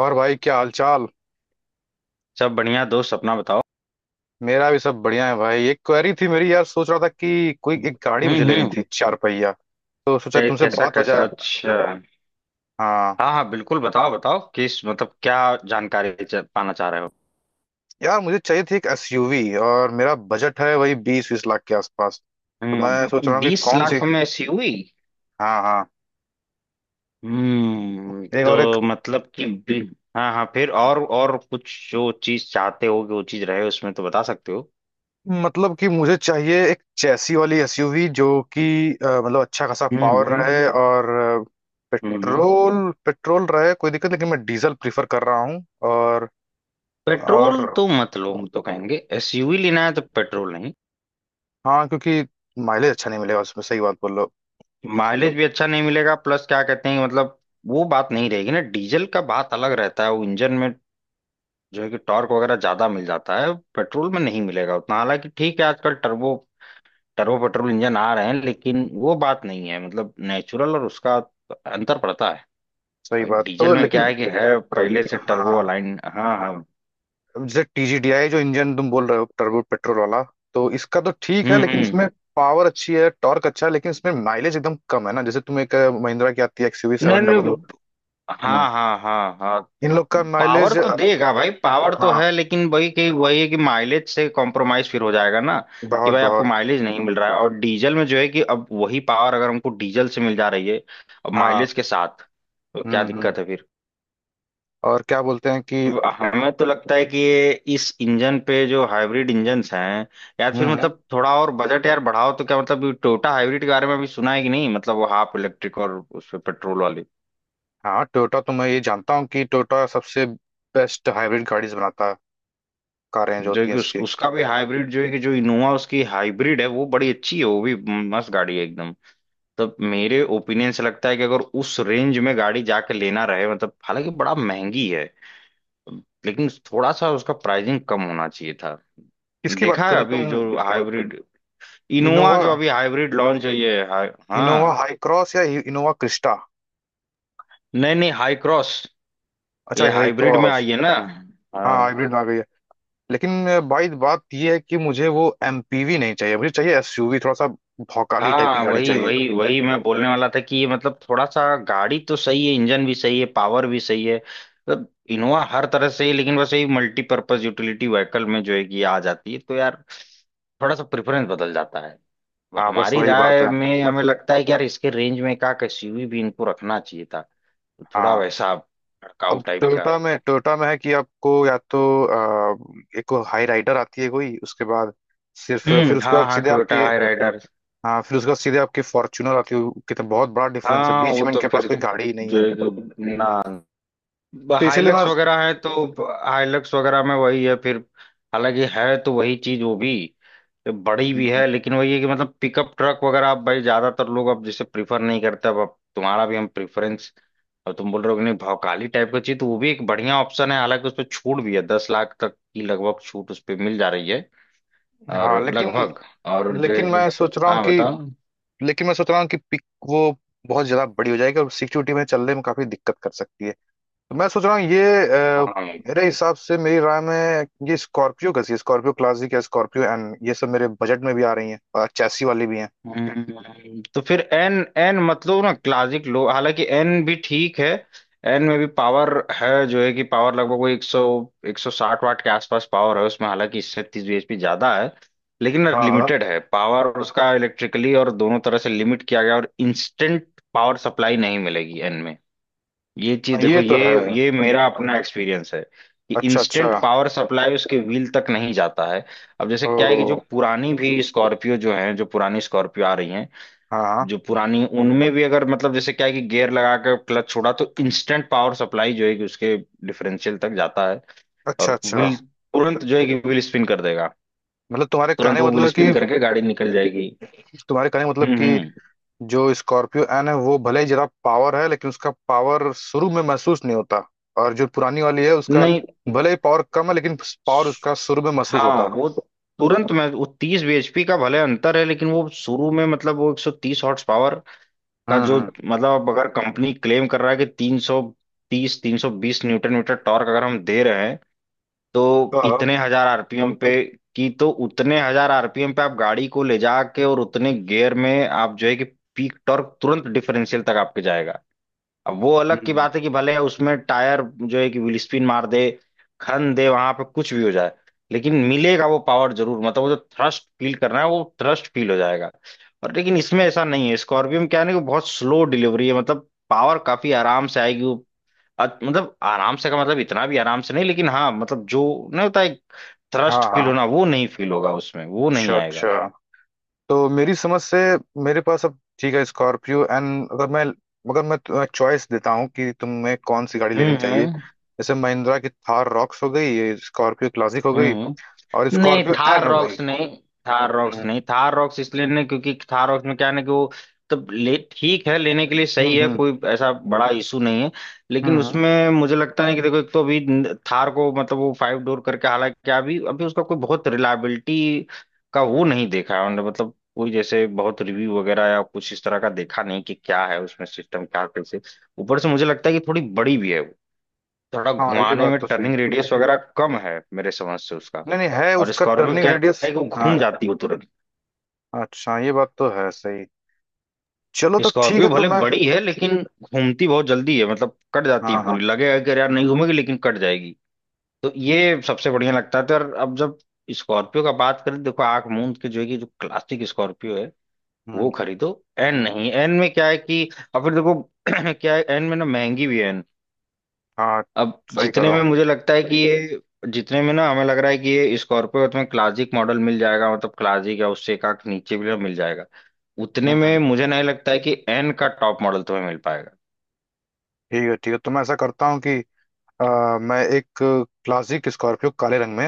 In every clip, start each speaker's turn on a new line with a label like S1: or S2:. S1: और भाई क्या हालचाल।
S2: सब बढ़िया दोस्त। अपना बताओ।
S1: मेरा भी सब बढ़िया है भाई। एक क्वेरी थी मेरी यार, सोच रहा था कि कोई एक गाड़ी मुझे लेनी
S2: हम्म।
S1: थी, चार पहिया। तो सोचा तुमसे
S2: कैसा
S1: बात हो
S2: कैसा?
S1: जाए।
S2: अच्छा।
S1: हाँ।
S2: हाँ हाँ, बिल्कुल बताओ बताओ। किस मतलब, क्या जानकारी पाना चाह रहे हो?
S1: यार मुझे चाहिए थी एक एसयूवी। और मेरा बजट है वही 20-20 लाख के आसपास। तो मैं सोच रहा
S2: हम्म।
S1: हूँ कि
S2: बीस
S1: कौन सी।
S2: लाख में ऐसी हुई?
S1: हाँ हाँ।
S2: हम्म,
S1: एक और एक।
S2: तो मतलब कि। हाँ हाँ, फिर और कुछ जो चीज चाहते हो कि वो चीज रहे उसमें तो बता सकते हो।
S1: मतलब कि मुझे चाहिए एक चैसी वाली एसयूवी जो कि, मतलब अच्छा खासा
S2: हम्म
S1: पावर
S2: हम्म
S1: रहे और अ,
S2: हम्म, हम्म।
S1: पेट्रोल पेट्रोल रहे कोई दिक्कत, लेकिन मैं डीजल प्रीफर कर रहा हूँ। और और
S2: पेट्रोल तो मत लो। हम तो कहेंगे एसयूवी लेना है तो पेट्रोल नहीं।
S1: हाँ, क्योंकि माइलेज अच्छा नहीं मिलेगा उसमें। सही बात बोल रहे हो।
S2: माइलेज भी अच्छा नहीं मिलेगा, प्लस क्या कहते हैं, मतलब वो बात नहीं रहेगी ना। डीजल का बात अलग रहता है वो इंजन में, जो है कि टॉर्क वगैरह ज्यादा मिल जाता है, पेट्रोल में नहीं मिलेगा उतना। हालांकि ठीक है, आजकल टर्बो टर्बो पेट्रोल इंजन आ रहे हैं, लेकिन वो बात नहीं है, मतलब नेचुरल, और उसका अंतर पड़ता है।
S1: सही
S2: भाई
S1: बात तो
S2: डीजल
S1: बिल्कुल,
S2: में क्या
S1: लेकिन।
S2: है कि है पहले से टर्बो
S1: हाँ।
S2: अलाइन। हाँ हाँ।
S1: अब जैसे टीजीडीआई जो इंजन तुम बोल रहे हो, टर्बो पेट्रोल वाला, तो इसका तो ठीक है, लेकिन इसमें
S2: हम्म।
S1: पावर अच्छी है, टॉर्क अच्छा है, लेकिन इसमें माइलेज एकदम कम है ना। जैसे तुम एक महिंद्रा की आती है एक्सयूवी
S2: नहीं
S1: सेवन डबल।
S2: नहीं।
S1: हम्म।
S2: हाँ हाँ हाँ हाँ।
S1: इन लोग का
S2: पावर
S1: माइलेज।
S2: तो देगा भाई, पावर तो
S1: हाँ
S2: है, लेकिन वही है कि माइलेज से कॉम्प्रोमाइज फिर हो जाएगा ना। कि
S1: बहुत
S2: भाई आपको
S1: बहुत।
S2: माइलेज नहीं मिल रहा है, और डीजल में जो है कि अब वही पावर अगर हमको डीजल से मिल जा रही है अब
S1: हाँ।
S2: माइलेज के साथ, तो क्या
S1: हम्म।
S2: दिक्कत है फिर।
S1: और क्या बोलते हैं कि।
S2: अब हमें तो लगता है कि ये इस इंजन पे जो हाइब्रिड इंजन्स हैं, यार फिर
S1: हम्म।
S2: मतलब थोड़ा और बजट यार बढ़ाओ तो क्या। मतलब टोयोटा हाइब्रिड के बारे में अभी सुना है कि नहीं, मतलब वो हाफ इलेक्ट्रिक और उस पे पेट्रोल वाली।
S1: हाँ टोयोटा तो मैं ये जानता हूँ कि टोयोटा सबसे बेस्ट हाइब्रिड गाड़ीज बनाता है। कारें जो
S2: जो
S1: होती हैं
S2: कि उस,
S1: इसकी।
S2: उसका भी हाइब्रिड जो है कि, जो इनोवा उसकी हाइब्रिड है वो बड़ी अच्छी है। वो भी मस्त गाड़ी है एकदम। तब मेरे ओपिनियन से लगता है कि अगर उस रेंज में गाड़ी जाके लेना रहे, मतलब हालांकि बड़ा महंगी है, लेकिन थोड़ा सा उसका प्राइसिंग कम होना चाहिए था।
S1: किसकी बात
S2: देखा है
S1: करो
S2: अभी
S1: तुम।
S2: जो हाइब्रिड इनोवा
S1: इनोवा।
S2: जो अभी हाइब्रिड लॉन्च हुई है
S1: इनोवा
S2: हाँ।
S1: हाई क्रॉस या इनोवा क्रिस्टा।
S2: नहीं नहीं, हाई क्रॉस।
S1: अच्छा
S2: ये
S1: हाई
S2: हाइब्रिड में
S1: क्रॉस।
S2: आई है ना।
S1: हाँ
S2: हाँ
S1: हाइब्रिड आ गई है। लेकिन भाई बात ये है कि मुझे वो एमपीवी नहीं चाहिए, मुझे चाहिए एसयूवी, थोड़ा सा भौकाली टाइप की
S2: हाँ।
S1: गाड़ी
S2: वही
S1: चाहिए।
S2: वही वही, मैं बोलने वाला था कि ये मतलब थोड़ा सा गाड़ी तो सही है, इंजन भी सही है, पावर भी सही है मतलब इनोवा हर तरह से ही, लेकिन बस यही मल्टीपर्पज यूटिलिटी व्हीकल में जो है कि आ जाती है, तो यार थोड़ा सा प्रेफरेंस बदल जाता है।
S1: हाँ बस
S2: हमारी
S1: वही बात
S2: राय
S1: है।
S2: में हमें लगता है कि यार इसके रेंज में का एसयूवी भी इनको रखना चाहिए था, तो थोड़ा
S1: हाँ।
S2: वैसा भड़काऊ
S1: अब
S2: टाइप का।
S1: टोयोटा में है कि आपको या तो एक हाई राइडर आती है कोई, उसके बाद सिर्फ, फिर
S2: हम्म।
S1: उसके
S2: हाँ
S1: बाद
S2: हाँ,
S1: सीधे
S2: टोयोटा
S1: आपकी।
S2: High rider.
S1: हाँ फिर उसके बाद सीधे आपकी फॉर्च्यूनर आती है। कितना बहुत बड़ा डिफरेंस है
S2: हाँ
S1: बीच
S2: वो
S1: में,
S2: तो
S1: इनके पास
S2: फिर
S1: कोई गाड़ी ही नहीं
S2: जो
S1: है।
S2: है कि ना,
S1: तो इसीलिए
S2: हाइलक्स वगैरह है, तो हाइलक्स वगैरह में वही है फिर। हालांकि है तो वही चीज वो भी, बड़ी भी
S1: मैं।
S2: है, लेकिन वही है कि मतलब पिकअप ट्रक वगैरह अब भाई ज्यादातर लोग अब जैसे प्रीफर नहीं करते। अब तुम्हारा भी हम प्रेफरेंस। अब तुम बोल रहे हो कि नहीं भौकाली टाइप का चीज, तो वो भी एक बढ़िया ऑप्शन है। हालांकि उस पर छूट भी है, 10 लाख तक की लगभग छूट उस पर मिल जा रही है। और
S1: हाँ लेकिन।
S2: लगभग, और जो है
S1: लेकिन
S2: कि।
S1: मैं सोच रहा हूँ
S2: हाँ
S1: कि।
S2: बताओ।
S1: लेकिन मैं सोच रहा हूँ कि पिक, वो बहुत ज्यादा बड़ी हो जाएगी और सिक्योरिटी में चलने में काफी दिक्कत कर सकती है। तो मैं सोच रहा हूँ ये अ,
S2: हाँ।
S1: मेरे हिसाब से, मेरी राय में ये स्कॉर्पियो का चाहिए, स्कॉर्पियो क्लासिक या स्कॉर्पियो एन। ये सब मेरे बजट में भी आ रही हैं और चैसी वाली भी हैं।
S2: तो फिर एन एन मतलब ना क्लासिक लो, हालांकि एन भी ठीक है। एन में भी पावर है जो है कि, पावर लगभग वो एक सौ साठ वाट के आसपास पावर है उसमें, हालांकि इससे 30 bhp ज्यादा है, लेकिन
S1: हाँ हाँ।
S2: लिमिटेड है पावर उसका। इलेक्ट्रिकली और दोनों तरह से लिमिट किया गया, और इंस्टेंट पावर सप्लाई नहीं मिलेगी एन में। ये चीज
S1: हाँ,
S2: देखो,
S1: ये तो
S2: ये
S1: है।
S2: ये मेरा अपना एक्सपीरियंस है कि
S1: अच्छा अच्छा।
S2: इंस्टेंट पावर सप्लाई उसके व्हील तक नहीं जाता है। अब जैसे क्या है कि
S1: ओ।
S2: जो पुरानी भी स्कॉर्पियो जो है, जो पुरानी स्कॉर्पियो आ रही हैं,
S1: हाँ।
S2: जो पुरानी उनमें भी अगर, मतलब जैसे क्या है कि गियर लगा कर क्लच छोड़ा तो इंस्टेंट पावर सप्लाई जो है कि उसके डिफरेंशियल तक जाता है,
S1: अच्छा
S2: और
S1: अच्छा।
S2: व्हील तुरंत जो है कि व्हील स्पिन कर देगा।
S1: मतलब तुम्हारे कहने
S2: तुरंत
S1: का
S2: वो व्हील
S1: मतलब कि।
S2: स्पिन करके गाड़ी निकल जाएगी।
S1: तुम्हारे कहने का मतलब कि
S2: हम्म।
S1: जो स्कॉर्पियो एन है वो भले ही ज्यादा पावर है लेकिन उसका पावर शुरू में महसूस नहीं होता, और जो पुरानी वाली है उसका
S2: नहीं।
S1: भले ही पावर कम है, लेकिन पावर
S2: स-
S1: उसका शुरू में महसूस होता
S2: हाँ
S1: है।
S2: वो। तुरंत में वो 30 bhp का भले अंतर है, लेकिन वो शुरू में मतलब वो 130 हॉर्स पावर का जो
S1: हम्म।
S2: मतलब। अब अगर कंपनी क्लेम कर रहा है कि 330 320 न्यूटन मीटर टॉर्क अगर हम दे रहे हैं, तो
S1: हाँ।
S2: इतने हजार आरपीएम पे की, तो उतने हजार आरपीएम पे आप गाड़ी को ले जाके और उतने गियर में आप जो है कि पीक टॉर्क तुरंत डिफरेंशियल तक आपके जाएगा। अब वो अलग की
S1: हम्म,
S2: बात है कि भले उसमें टायर जो है कि व्हील स्पिन मार दे, खन दे, वहां पे कुछ भी हो जाए, लेकिन मिलेगा वो पावर जरूर, मतलब वो जो थ्रस्ट फील करना है वो थ्रस्ट फील हो जाएगा। और लेकिन इसमें ऐसा नहीं है, स्कॉर्पियो में क्या है ना कि बहुत स्लो डिलीवरी है, मतलब पावर काफी आराम से आएगी। मतलब आराम से का मतलब इतना भी आराम से नहीं, लेकिन हाँ मतलब जो नहीं होता एक
S1: हाँ।
S2: थ्रस्ट फील
S1: हाँ।
S2: होना वो नहीं फील होगा उसमें, वो नहीं
S1: अच्छा
S2: आएगा।
S1: अच्छा। तो मेरी समझ से, मेरे पास अब ठीक है स्कॉर्पियो एंड अगर मैं, मगर मैं तुम्हें चॉइस देता हूँ कि तुम्हें कौन सी गाड़ी लेनी
S2: हम्म
S1: चाहिए,
S2: हम्म
S1: जैसे महिंद्रा की थार रॉक्स हो गई, ये स्कॉर्पियो क्लासिक हो गई
S2: हम्म।
S1: और
S2: नहीं
S1: स्कॉर्पियो एन
S2: थार
S1: हो गई।
S2: रॉक्स नहीं, थार रॉक्स
S1: हम्म
S2: नहीं, थार रॉक्स इसलिए नहीं क्योंकि थार रॉक्स में क्या है ना कि वो तब ले ठीक है, लेने के लिए सही है,
S1: हम्म।
S2: कोई ऐसा बड़ा इशू नहीं है,
S1: हम्म,
S2: लेकिन
S1: हम्म।
S2: उसमें मुझे लगता नहीं कि देखो। एक तो अभी थार को मतलब वो फाइव डोर करके, हालांकि अभी अभी उसका कोई बहुत रिलायबिलिटी का वो नहीं देखा है हमने, मतलब कोई जैसे बहुत रिव्यू वगैरह या कुछ इस तरह का देखा नहीं कि क्या है उसमें, सिस्टम क्या कैसे। ऊपर से मुझे लगता है कि थोड़ी बड़ी भी है, थोड़ा
S1: हाँ ये
S2: घुमाने
S1: बात
S2: में
S1: तो सही है।
S2: टर्निंग रेडियस वगैरह कम है मेरे समझ से उसका।
S1: नहीं नहीं है
S2: और
S1: उसका
S2: स्कॉर्पियो
S1: टर्निंग
S2: क्या
S1: रेडियस।
S2: है कि वो घूम
S1: हाँ।
S2: जाती है तुरंत।
S1: अच्छा ये बात तो है सही। चलो तो ठीक
S2: स्कॉर्पियो
S1: है। तो
S2: भले
S1: मैं।
S2: बड़ी है लेकिन घूमती बहुत जल्दी है, मतलब कट जाती है
S1: हाँ हाँ।
S2: पूरी। लगेगा कि अरे यार नहीं घूमेगी, लेकिन कट जाएगी। तो ये सबसे बढ़िया लगता था। और अब जब स्कॉर्पियो का बात करें, देखो आंख मूंद के जो है कि जो क्लासिक स्कॉर्पियो है
S1: हम्म।
S2: वो खरीदो। एन नहीं। एन में क्या है कि, और फिर देखो क्या है एन में ना, महंगी भी है।
S1: हाँ।
S2: अब
S1: सही
S2: जितने
S1: करो।
S2: में मुझे लगता है कि ये, जितने में ना हमें लग रहा है कि ये स्कॉर्पियो तुम्हें क्लासिक मॉडल मिल जाएगा, मतलब क्लासिक या उससे एक आंख नीचे भी मिल जाएगा। उतने
S1: हम्म हम्म,
S2: में मुझे नहीं लगता है कि एन का टॉप मॉडल तुम्हें मिल पाएगा।
S1: ठीक है ठीक है। तो मैं ऐसा करता हूँ कि मैं एक क्लासिक स्कॉर्पियो काले रंग में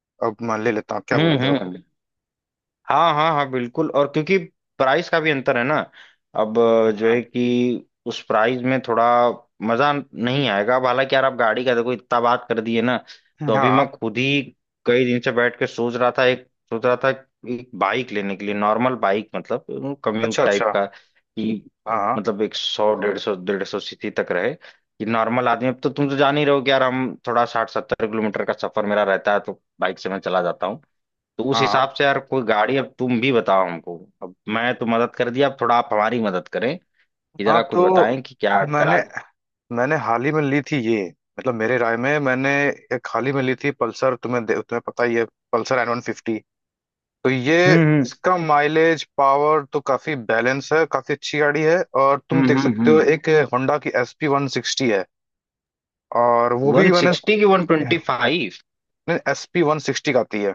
S1: अब मैं ले लेता हूँ, क्या बोलते हो।
S2: हम्म, हाँ हाँ हाँ, बिल्कुल। और क्योंकि प्राइस का भी अंतर है ना। अब जो है
S1: हाँ
S2: कि उस प्राइस में थोड़ा मजा नहीं आएगा। अब हालांकि यार आप गाड़ी का देखो इतना बात कर दिए ना, तो अभी
S1: हाँ,
S2: मैं खुद ही कई दिन से बैठ के सोच रहा था, एक बाइक लेने के लिए, नॉर्मल बाइक, मतलब कम्यूट
S1: अच्छा
S2: टाइप
S1: अच्छा।
S2: का कि
S1: हाँ हाँ
S2: मतलब एक सौ डेढ़ सौ सीसी तक रहे कि नॉर्मल आदमी। अब तो तुम तो जान ही रहो कि यार हम थोड़ा 60 70 किलोमीटर का सफर मेरा रहता है, तो बाइक से मैं चला जाता हूँ। तो उस
S1: हाँ
S2: हिसाब से यार कोई गाड़ी अब तुम भी बताओ हमको। अब मैं तो मदद कर दिया, अब थोड़ा आप हमारी मदद करें, कि
S1: हाँ।
S2: जरा कुछ
S1: तो
S2: बताएं कि क्या
S1: मैंने
S2: करा जाए।
S1: मैंने हाल ही में ली थी ये। मतलब मेरे राय में मैंने एक हाल ही में ली थी पल्सर। तुम्हें पता ही है, पल्सर N150। तो ये,
S2: हम्म
S1: इसका माइलेज पावर तो काफी बैलेंस है, काफी अच्छी गाड़ी है। और तुम देख सकते हो
S2: हम्म।
S1: एक होंडा की SP160 है। और वो भी
S2: वन
S1: मैंने।
S2: सिक्सटी की 125?
S1: नहीं, SP160 का आती है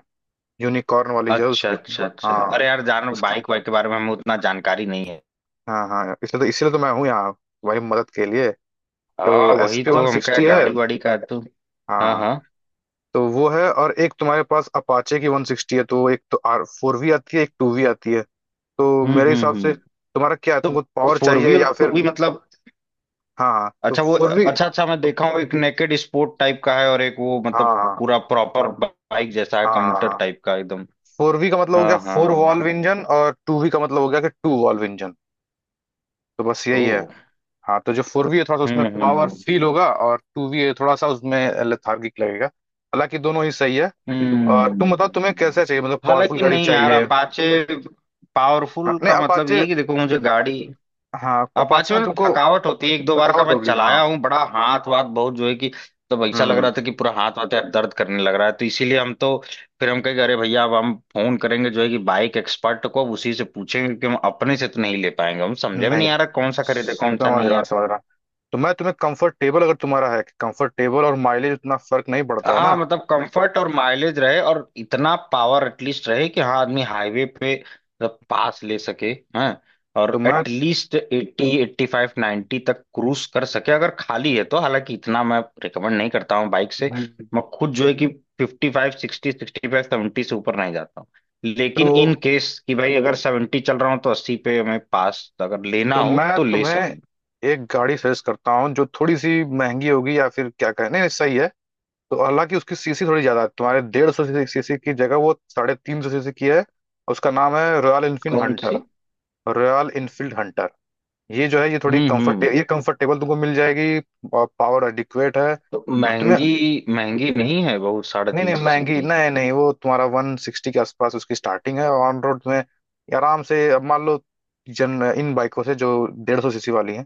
S1: यूनिकॉर्न वाली जो है उस।
S2: अच्छा अच्छा अच्छा,
S1: हाँ,
S2: अरे यार जान
S1: उसका।
S2: बाइक वाइक के बारे में हमें उतना जानकारी नहीं है।
S1: हाँ हाँ, इसलिए तो मैं हूँ यहाँ तुम्हारी मदद के लिए। तो
S2: हाँ
S1: एस
S2: वही
S1: पी
S2: तो,
S1: वन
S2: हम क्या
S1: सिक्सटी है।
S2: गाड़ी वाड़ी का तो। हाँ
S1: हाँ।
S2: हाँ।
S1: तो वो है और एक तुम्हारे पास अपाचे की 160 है, तो एक तो R4V आती है, एक 2V आती है। तो मेरे हिसाब से
S2: हम्म।
S1: तुम्हारा क्या है, तुमको
S2: तो
S1: पावर
S2: फोर
S1: चाहिए
S2: वी और
S1: या
S2: टू
S1: फिर।
S2: वी मतलब?
S1: हाँ हाँ, तो फोर बट वी।
S2: अच्छा अच्छा, मैं देखा हूँ, एक नेकेड स्पोर्ट टाइप का है और एक वो
S1: हाँ
S2: मतलब
S1: हाँ
S2: पूरा प्रॉपर बाइक जैसा है
S1: हाँ हाँ,
S2: कम्यूटर
S1: हाँ।
S2: टाइप का एकदम।
S1: फोर वी का मतलब हो गया
S2: हाँ
S1: फोर
S2: हाँ
S1: वॉल्व
S2: ऐसा।
S1: इंजन और 2V का मतलब हो गया कि टू वॉल्व इंजन। तो बस यही है।
S2: ओ।
S1: हाँ, तो जो 4V है थोड़ा सा उसमें
S2: हम्म
S1: पावर
S2: हम्म
S1: फील होगा और टू वी है थोड़ा सा उसमें लेथार्गिक लगेगा, हालांकि दोनों ही सही है। और तुम बताओ, तुम्हें
S2: हम्म।
S1: कैसा चाहिए, मतलब पावरफुल
S2: हालांकि
S1: गाड़ी
S2: नहीं यार
S1: चाहिए।
S2: अपाचे।
S1: हाँ,
S2: पावरफुल
S1: नहीं
S2: का मतलब ये
S1: अपाचे।
S2: है कि देखो मुझे गाड़ी,
S1: हाँ अपाचे
S2: अपाचे में
S1: में
S2: ना
S1: तुमको
S2: थकावट होती है, एक दो बार का
S1: थकावट
S2: मैं
S1: होगी।
S2: चलाया
S1: हाँ।
S2: हूँ, बड़ा हाथ वाथ बहुत जो है कि। तो ऐसा लग
S1: हम्म।
S2: रहा था कि पूरा हाथ वाथ यार दर्द करने लग रहा है, तो इसीलिए हम तो फिर हम कहेंगे अरे भैया अब हम फोन करेंगे जो है कि बाइक एक्सपर्ट को, अब उसी से पूछेंगे, कि हम अपने से तो नहीं ले पाएंगे, हम समझे में
S1: नहीं,
S2: नहीं आ रहा कौन सा खरीदे कौन सा
S1: समझ
S2: नहीं।
S1: रहा समझ रहा। तो मैं तुम्हें कंफर्टेबल, अगर तुम्हारा है कि कंफर्टेबल और माइलेज उतना फर्क नहीं पड़ता है
S2: हाँ
S1: ना।
S2: मतलब कंफर्ट और माइलेज रहे, और इतना पावर एटलीस्ट रहे कि हाँ आदमी हाईवे पे मतलब पास ले सके। हैं,
S1: तो
S2: और
S1: मैं।
S2: एटलीस्ट 80 85 90 तक क्रूज कर सके अगर खाली है तो, हालांकि इतना मैं रिकमेंड नहीं करता हूँ बाइक से।
S1: हम्म।
S2: मैं खुद जो है कि 55 60 65 70 से ऊपर नहीं जाता हूँ। लेकिन
S1: तो
S2: इन केस कि भाई अगर 70 चल रहा हूँ तो 80 पे मैं पास अगर लेना
S1: तो
S2: हो
S1: मैं
S2: तो ले
S1: तुम्हें
S2: सकूँ।
S1: एक गाड़ी सजेस्ट करता हूँ जो थोड़ी सी महंगी होगी, या फिर क्या कहें, नहीं नहीं, सही है। तो हालांकि उसकी सीसी थोड़ी ज्यादा है, तुम्हारे 150 सीसी की जगह वो 350 सीसी की है। उसका नाम है रॉयल इनफील्ड
S2: कौन सी?
S1: हंटर। रॉयल इनफील्ड हंटर ये जो है, ये थोड़ी कंफर्ट,
S2: हम्म।
S1: ये कंफर्टेबल तुमको मिल जाएगी और पावर एडिक्वेट है।
S2: तो
S1: और तुम्हें।
S2: महंगी, महंगी नहीं है बहुत, साढ़े
S1: नहीं
S2: तीन
S1: नहीं
S2: सौ
S1: महंगी,
S2: सीसी
S1: नहीं नहीं, वो तुम्हारा वन सिक्सटी के आसपास उसकी स्टार्टिंग है ऑन रोड, तुम्हें ये आराम से। अब मान लो जन इन बाइकों से जो 150 सीसी वाली हैं,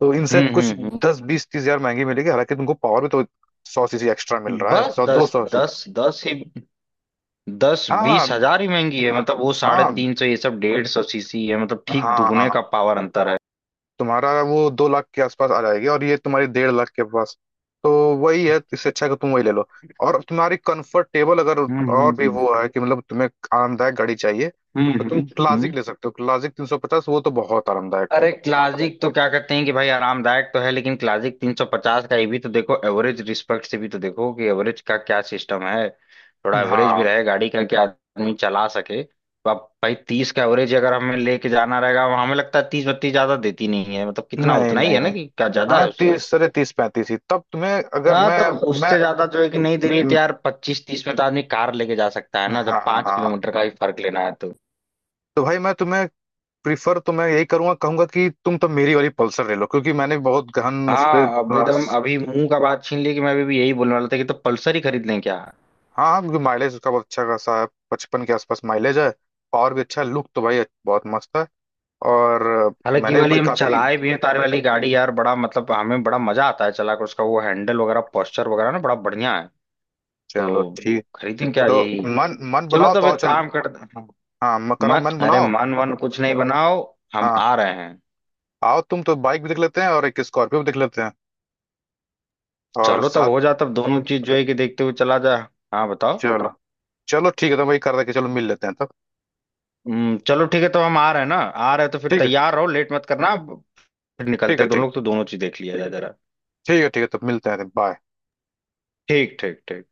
S1: तो इनसे
S2: हम्म
S1: कुछ
S2: हम्म
S1: 10-20-30 हजार महंगी मिलेगी, हालांकि तुमको पावर भी तो 100 सीसी एक्स्ट्रा मिल
S2: हम्म।
S1: रहा है,
S2: बस
S1: सौ दो
S2: दस
S1: सौ
S2: दस दस ही, दस
S1: हाँ हाँ
S2: बीस हजार ही महंगी है, मतलब वो साढ़े
S1: हाँ
S2: तीन सौ ये सब 150 सीसी है, मतलब ठीक
S1: हाँ हाँ
S2: दुगने का
S1: हाँ।
S2: पावर अंतर है।
S1: तुम्हारा वो 2 लाख के आसपास आ जाएगी और ये तुम्हारी 1.5 लाख के पास। तो वही है, इससे अच्छा है कि तुम वही ले लो। और तुम्हारी कंफर्टेबल अगर
S2: हम्म हम्म
S1: और भी
S2: हम्म
S1: वो है कि मतलब तुम्हें आरामदायक गाड़ी चाहिए,
S2: हम्म
S1: तो तुम
S2: हम्म,
S1: क्लासिक
S2: हम्म।
S1: ले सकते हो। क्लासिक 350 वो तो बहुत आरामदायक है।
S2: अरे क्लासिक तो क्या कहते हैं कि भाई आरामदायक तो है, लेकिन क्लासिक 350 का ये भी तो देखो, एवरेज रिस्पेक्ट से भी तो देखो कि एवरेज का क्या सिस्टम है। थोड़ा एवरेज भी
S1: हाँ।
S2: रहे गाड़ी का कि आदमी चला सके। तो अब भाई 30 का एवरेज अगर हमें लेके जाना रहेगा, हमें लगता है 30 32 ज्यादा देती नहीं है, मतलब कितना
S1: नहीं
S2: उतना ही
S1: नहीं
S2: है ना,
S1: नहीं।
S2: कि क्या ज्यादा
S1: हाँ,
S2: है उससे।
S1: 30, 35, 35 ही, तब तुम्हें अगर
S2: हाँ
S1: मैं,
S2: तब उससे ज्यादा जो है कि नहीं दे रही, तो
S1: मैं।
S2: यार 25 30 में तो आदमी कार लेके जा सकता है
S1: हाँ
S2: ना,
S1: हाँ
S2: जब
S1: हाँ,
S2: पांच
S1: हाँ।
S2: किलोमीटर का ही फर्क लेना है तो।
S1: तो भाई मैं तुम्हें, प्रीफर तो मैं यही करूंगा, कहूंगा कि तुम तो मेरी वाली पल्सर ले लो, क्योंकि मैंने बहुत गहन उस पर।
S2: हाँ अब एकदम अभी मुंह का बात छीन ली, कि मैं अभी भी यही बोलने वाला था कि तो पल्सर ही खरीद लें क्या?
S1: हाँ क्योंकि माइलेज उसका बहुत अच्छा खासा है, 55 के आसपास माइलेज है। और भी अच्छा लुक तो भाई बहुत मस्त है। और
S2: हालांकि ये
S1: मैंने
S2: वाली
S1: भी
S2: हम
S1: काफी।
S2: चलाए भी हैं, तार वाली गाड़ी यार बड़ा मतलब हमें बड़ा मजा आता है चला कर, उसका वो हैंडल वगैरह पोस्चर वगैरह ना बड़ा बढ़िया है। तो
S1: चलो ठीक।
S2: खरीदें क्या
S1: तो
S2: यही?
S1: मन मन
S2: चलो
S1: बनाओ, तो
S2: तब
S1: आओ
S2: एक
S1: चल।
S2: काम करते हैं।
S1: हाँ मैं कह रहा हूँ
S2: मत,
S1: मन
S2: अरे
S1: बनाओ।
S2: मन वन कुछ नहीं बनाओ, हम
S1: हाँ
S2: आ रहे हैं।
S1: आओ तुम, तो बाइक भी देख लेते हैं और एक स्कॉर्पियो भी देख लेते हैं और
S2: चलो तब
S1: साथ।
S2: हो जाए तब दोनों चीज जो है कि देखते हुए चला जाए। हाँ बताओ।
S1: चलो। चलो ठीक है, तो वही कर रहा कि चलो मिल लेते हैं तब।
S2: चलो ठीक है तो हम आ रहे हैं ना, आ रहे हैं तो फिर
S1: ठीक है।
S2: तैयार रहो, लेट मत करना अब। फिर
S1: ठीक
S2: निकलते
S1: है।
S2: हैं दोनों
S1: ठीक।
S2: लोग, तो दोनों चीज देख लिया जाए जरा।
S1: ठीक है ठीक है, तब मिलते हैं, बाय।
S2: ठीक ठीक ठीक।